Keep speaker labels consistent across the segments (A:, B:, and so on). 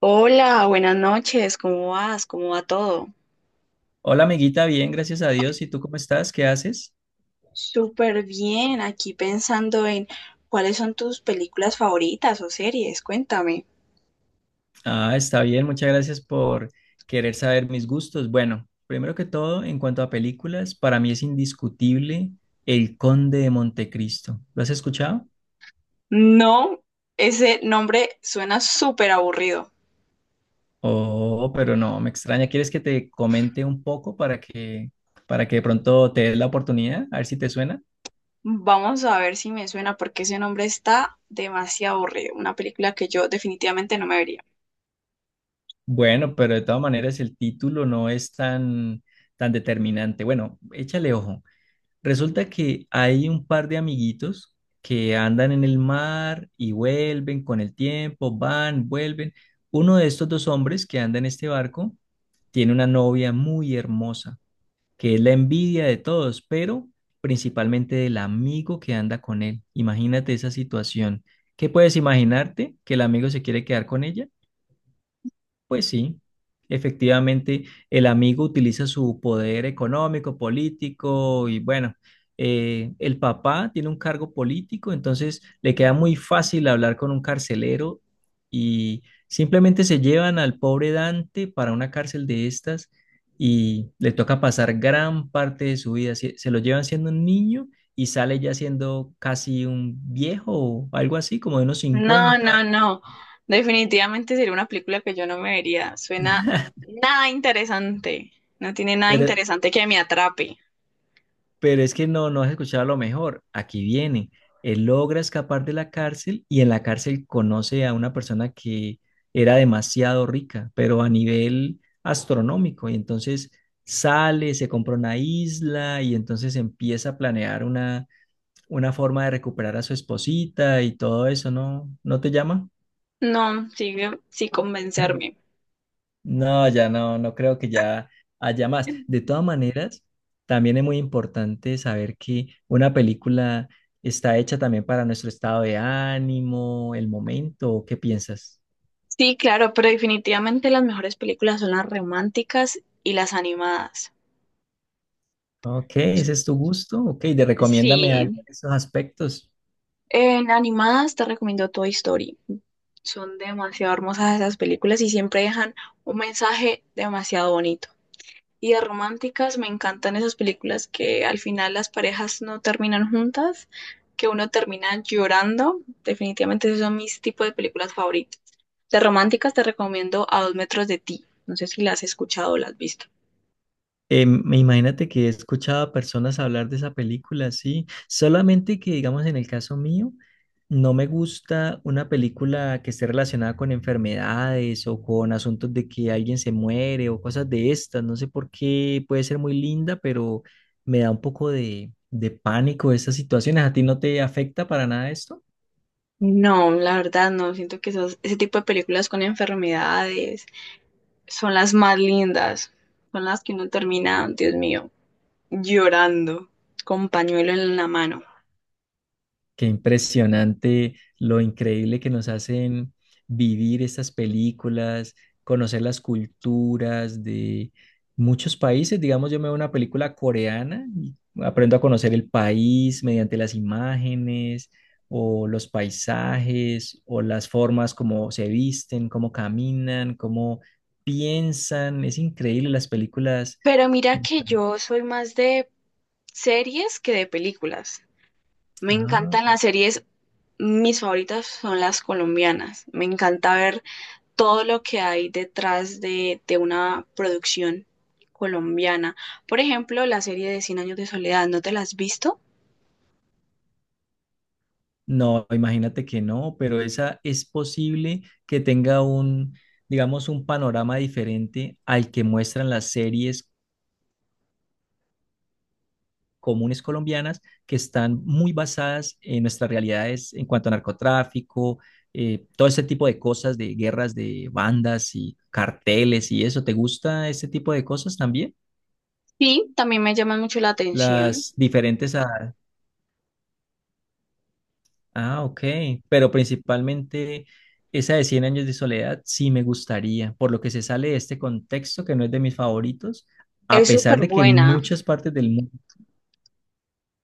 A: Hola, buenas noches, ¿cómo vas? ¿Cómo va todo?
B: Hola amiguita, bien, gracias a Dios. ¿Y tú cómo estás? ¿Qué haces?
A: Súper bien, aquí pensando en cuáles son tus películas favoritas o series, cuéntame.
B: Ah, está bien, muchas gracias por querer saber mis gustos. Bueno, primero que todo, en cuanto a películas, para mí es indiscutible El Conde de Montecristo. ¿Lo has escuchado?
A: No, ese nombre suena súper aburrido.
B: Oh, pero no, me extraña. ¿Quieres que te comente un poco para que de pronto te des la oportunidad? A ver si te suena.
A: Vamos a ver si me suena porque ese nombre está demasiado aburrido, una película que yo definitivamente no me vería.
B: Bueno, pero de todas maneras el título no es tan determinante. Bueno, échale ojo. Resulta que hay un par de amiguitos que andan en el mar y vuelven con el tiempo, van, vuelven. Uno de estos dos hombres que anda en este barco tiene una novia muy hermosa, que es la envidia de todos, pero principalmente del amigo que anda con él. Imagínate esa situación. ¿Qué puedes imaginarte? ¿Que el amigo se quiere quedar con ella? Pues sí, efectivamente, el amigo utiliza su poder económico, político y bueno, el papá tiene un cargo político, entonces le queda muy fácil hablar con un carcelero y simplemente se llevan al pobre Dante para una cárcel de estas y le toca pasar gran parte de su vida. Se lo llevan siendo un niño y sale ya siendo casi un viejo o algo así, como de unos
A: No,
B: 50.
A: no, no, definitivamente sería una película que yo no me vería, suena nada interesante, no tiene nada
B: Pero
A: interesante que me atrape.
B: Pero es que no has escuchado lo mejor. Aquí viene. Él logra escapar de la cárcel y en la cárcel conoce a una persona que era demasiado rica, pero a nivel astronómico. Y entonces sale, se compra una isla y entonces empieza a planear una forma de recuperar a su esposita y todo eso, ¿no? ¿No te llama?
A: No, sigue sin convencerme.
B: No, ya no creo que ya haya más. De todas maneras, también es muy importante saber que una película está hecha también para nuestro estado de ánimo, el momento, ¿o ¿qué piensas?
A: Sí, claro, pero definitivamente las mejores películas son las románticas y las animadas.
B: Ok,
A: So-
B: ese es tu gusto, ok, de recomiéndame algo
A: Sí,
B: en esos aspectos.
A: en animadas te recomiendo Toy Story. Son demasiado hermosas esas películas y siempre dejan un mensaje demasiado bonito. Y de románticas me encantan esas películas que al final las parejas no terminan juntas, que uno termina llorando. Definitivamente esos son mis tipos de películas favoritas. De románticas te recomiendo A dos metros de ti. No sé si la has escuchado o la has visto.
B: Imagínate que he escuchado a personas hablar de esa película, sí. Solamente que, digamos, en el caso mío, no me gusta una película que esté relacionada con enfermedades o con asuntos de que alguien se muere o cosas de estas. No sé por qué puede ser muy linda, pero me da un poco de pánico esas situaciones. ¿A ti no te afecta para nada esto?
A: No, la verdad no. Siento que ese tipo de películas con enfermedades son las más lindas. Son las que uno termina, Dios mío, llorando con pañuelo en la mano.
B: Qué impresionante lo increíble que nos hacen vivir estas películas, conocer las culturas de muchos países. Digamos, yo me veo una película coreana y aprendo a conocer el país mediante las imágenes o los paisajes o las formas como se visten, cómo caminan, cómo piensan. Es increíble las películas.
A: Pero mira que yo soy más de series que de películas. Me
B: Ah.
A: encantan las series, mis favoritas son las colombianas. Me encanta ver todo lo que hay detrás de una producción colombiana. Por ejemplo, la serie de Cien años de soledad, ¿no te la has visto?
B: No, imagínate que no, pero esa es posible que tenga un, digamos, un panorama diferente al que muestran las series comunes colombianas que están muy basadas en nuestras realidades en cuanto a narcotráfico, todo ese tipo de cosas de guerras de bandas y carteles y eso. ¿Te gusta ese tipo de cosas también?
A: Sí, también me llama mucho la atención.
B: Las diferentes a... Ah, ok. Pero principalmente esa de 100 años de soledad sí me gustaría, por lo que se sale de este contexto que no es de mis favoritos, a
A: Es
B: pesar
A: súper
B: de que
A: buena.
B: muchas partes del mundo...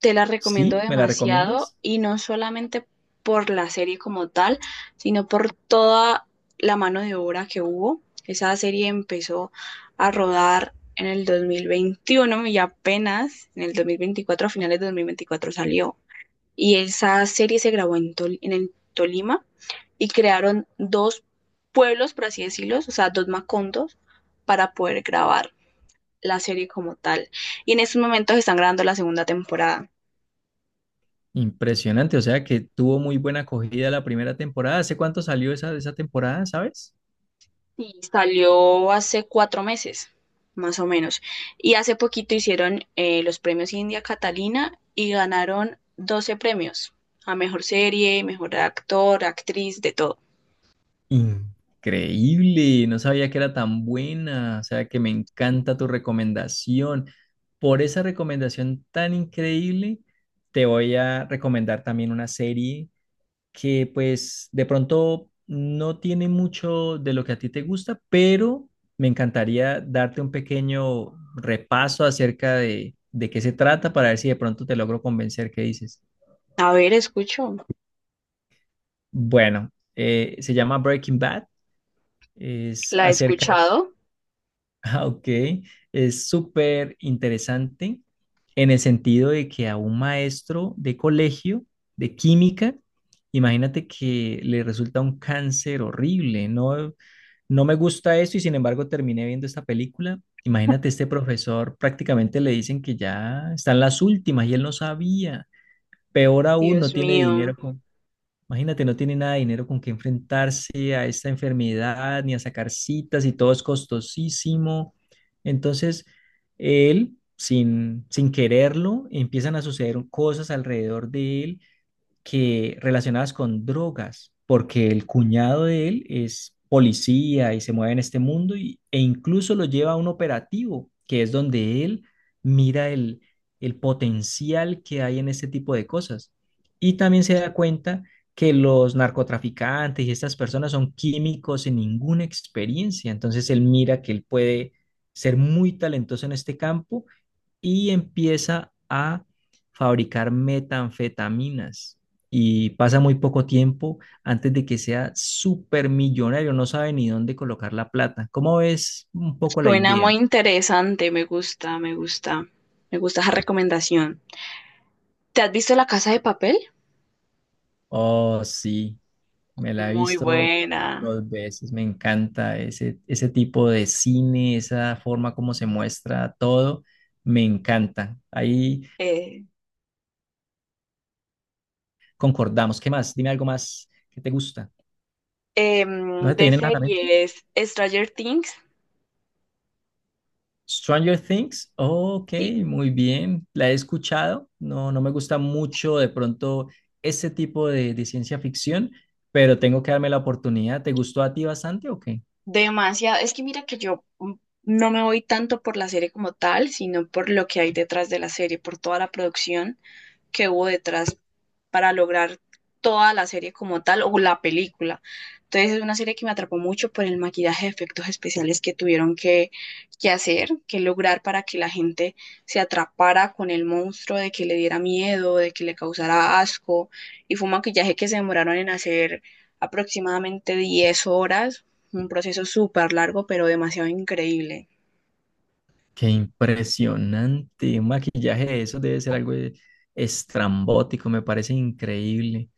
A: Te la recomiendo
B: Sí, ¿me la
A: demasiado
B: recomiendas?
A: y no solamente por la serie como tal, sino por toda la mano de obra que hubo. Esa serie empezó a rodar en el 2021 y apenas en el 2024, a finales de 2024 salió. Y esa serie se grabó en, en el Tolima y crearon dos pueblos, por así decirlo, o sea, dos macondos para poder grabar la serie como tal. Y en estos momentos están grabando la segunda temporada.
B: Impresionante, o sea que tuvo muy buena acogida la primera temporada. ¿Hace cuánto salió esa temporada, sabes?
A: Sí, salió hace 4 meses, más o menos. Y hace poquito hicieron los premios India Catalina y ganaron 12 premios a mejor serie, mejor actor, actriz, de todo.
B: Increíble, no sabía que era tan buena, o sea que me encanta tu recomendación. Por esa recomendación tan increíble, te voy a recomendar también una serie que pues de pronto no tiene mucho de lo que a ti te gusta, pero me encantaría darte un pequeño repaso acerca de qué se trata para ver si de pronto te logro convencer qué dices.
A: A ver, escucho.
B: Bueno, se llama Breaking Bad, es
A: La he
B: acerca...
A: escuchado.
B: Ah, ok, es súper interesante en el sentido de que a un maestro de colegio de química, imagínate que le resulta un cáncer horrible, no, no me gusta eso y sin embargo terminé viendo esta película. Imagínate este profesor, prácticamente le dicen que ya están las últimas y él no sabía. Peor aún, no
A: Dios
B: tiene dinero.
A: mío,
B: Imagínate, no tiene nada de dinero con que enfrentarse a esta enfermedad, ni a sacar citas, y todo es costosísimo. Entonces, él, sin quererlo, empiezan a suceder cosas alrededor de él que relacionadas con drogas, porque el cuñado de él es policía y se mueve en este mundo y- e incluso lo lleva a un operativo, que es donde él mira el potencial que hay en este tipo de cosas. Y también se da cuenta que los narcotraficantes y estas personas son químicos sin ninguna experiencia, entonces él mira que él puede ser muy talentoso en este campo y empieza a fabricar metanfetaminas. Y pasa muy poco tiempo antes de que sea supermillonario, no sabe ni dónde colocar la plata. ¿Cómo ves un poco la
A: suena muy
B: idea?
A: interesante. Me gusta, me gusta. Me gusta esa recomendación. ¿Te has visto La Casa de Papel?
B: Oh, sí, me la he
A: Muy
B: visto
A: buena.
B: dos veces, me encanta ese tipo de cine, esa forma como se muestra todo, me encanta. Ahí
A: Eh,
B: concordamos. ¿Qué más? Dime algo más que te gusta. ¿No se te
A: de
B: viene nada a la mente?
A: series, Stranger Things.
B: Stranger Things, ok,
A: Sí,
B: muy bien, la he escuchado, no, no me gusta mucho de pronto ese tipo de ciencia ficción, pero tengo que darme la oportunidad. ¿Te gustó a ti bastante o qué?
A: demasiado. Es que mira que yo no me voy tanto por la serie como tal, sino por lo que hay detrás de la serie, por toda la producción que hubo detrás para lograr toda la serie como tal o la película. Entonces es una serie que me atrapó mucho por el maquillaje de efectos especiales que tuvieron que hacer, que lograr para que la gente se atrapara con el monstruo, de que le diera miedo, de que le causara asco. Y fue un maquillaje que se demoraron en hacer aproximadamente 10 horas un proceso súper largo, pero demasiado increíble.
B: Qué impresionante. Un maquillaje de eso debe ser algo e- estrambótico, me parece increíble.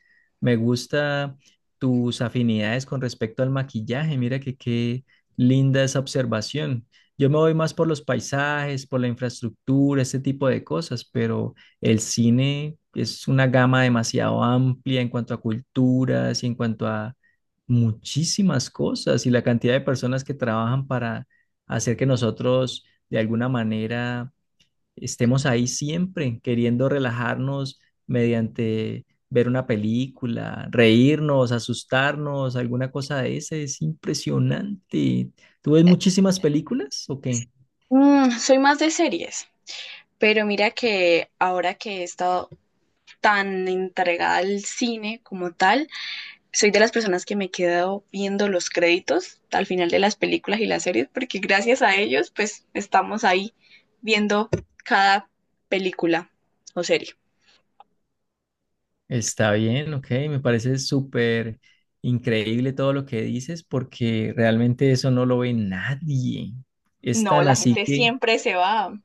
B: Me gusta tus afinidades con respecto al maquillaje. Mira que qué linda esa observación. Yo me voy más por los paisajes, por la infraestructura, este tipo de cosas, pero el cine es una gama demasiado amplia en cuanto a culturas y en cuanto a muchísimas cosas y la cantidad de personas que trabajan para hacer que nosotros de alguna manera estemos ahí siempre, queriendo relajarnos mediante ver una película, reírnos, asustarnos, alguna cosa de esa. Es impresionante. ¿Tú ves muchísimas películas o qué?
A: Mm, soy más de series, pero mira que ahora que he estado tan entregada al cine como tal, soy de las personas que me he quedado viendo los créditos al final de las películas y las series, porque gracias a ellos, pues estamos ahí viendo cada película o serie.
B: Está bien, ok, me parece súper increíble todo lo que dices porque realmente eso no lo ve nadie. Es
A: No,
B: tan
A: la
B: así
A: gente
B: que...
A: siempre se va.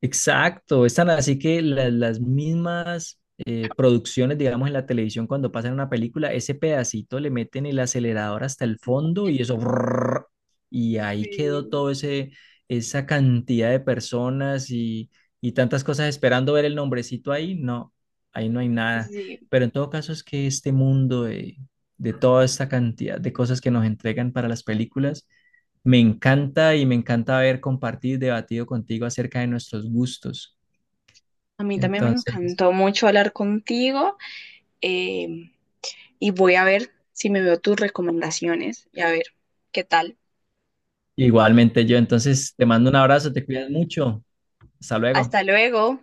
B: Exacto, están así que la- las mismas producciones, digamos, en la televisión, cuando pasan una película, ese pedacito le meten el acelerador hasta el fondo y eso, brrr, y ahí quedó
A: Sí,
B: todo ese, esa cantidad de personas y tantas cosas esperando ver el nombrecito ahí. No, ahí no hay nada.
A: sí.
B: Pero en todo caso es que este mundo de toda esta cantidad de cosas que nos entregan para las películas me encanta y me encanta haber compartido y debatido contigo acerca de nuestros gustos.
A: A mí también me
B: Entonces,
A: encantó mucho hablar contigo. Eh, y voy a ver si me veo tus recomendaciones y a ver qué tal.
B: igualmente yo, entonces te mando un abrazo, te cuidas mucho. Hasta luego.
A: Hasta luego.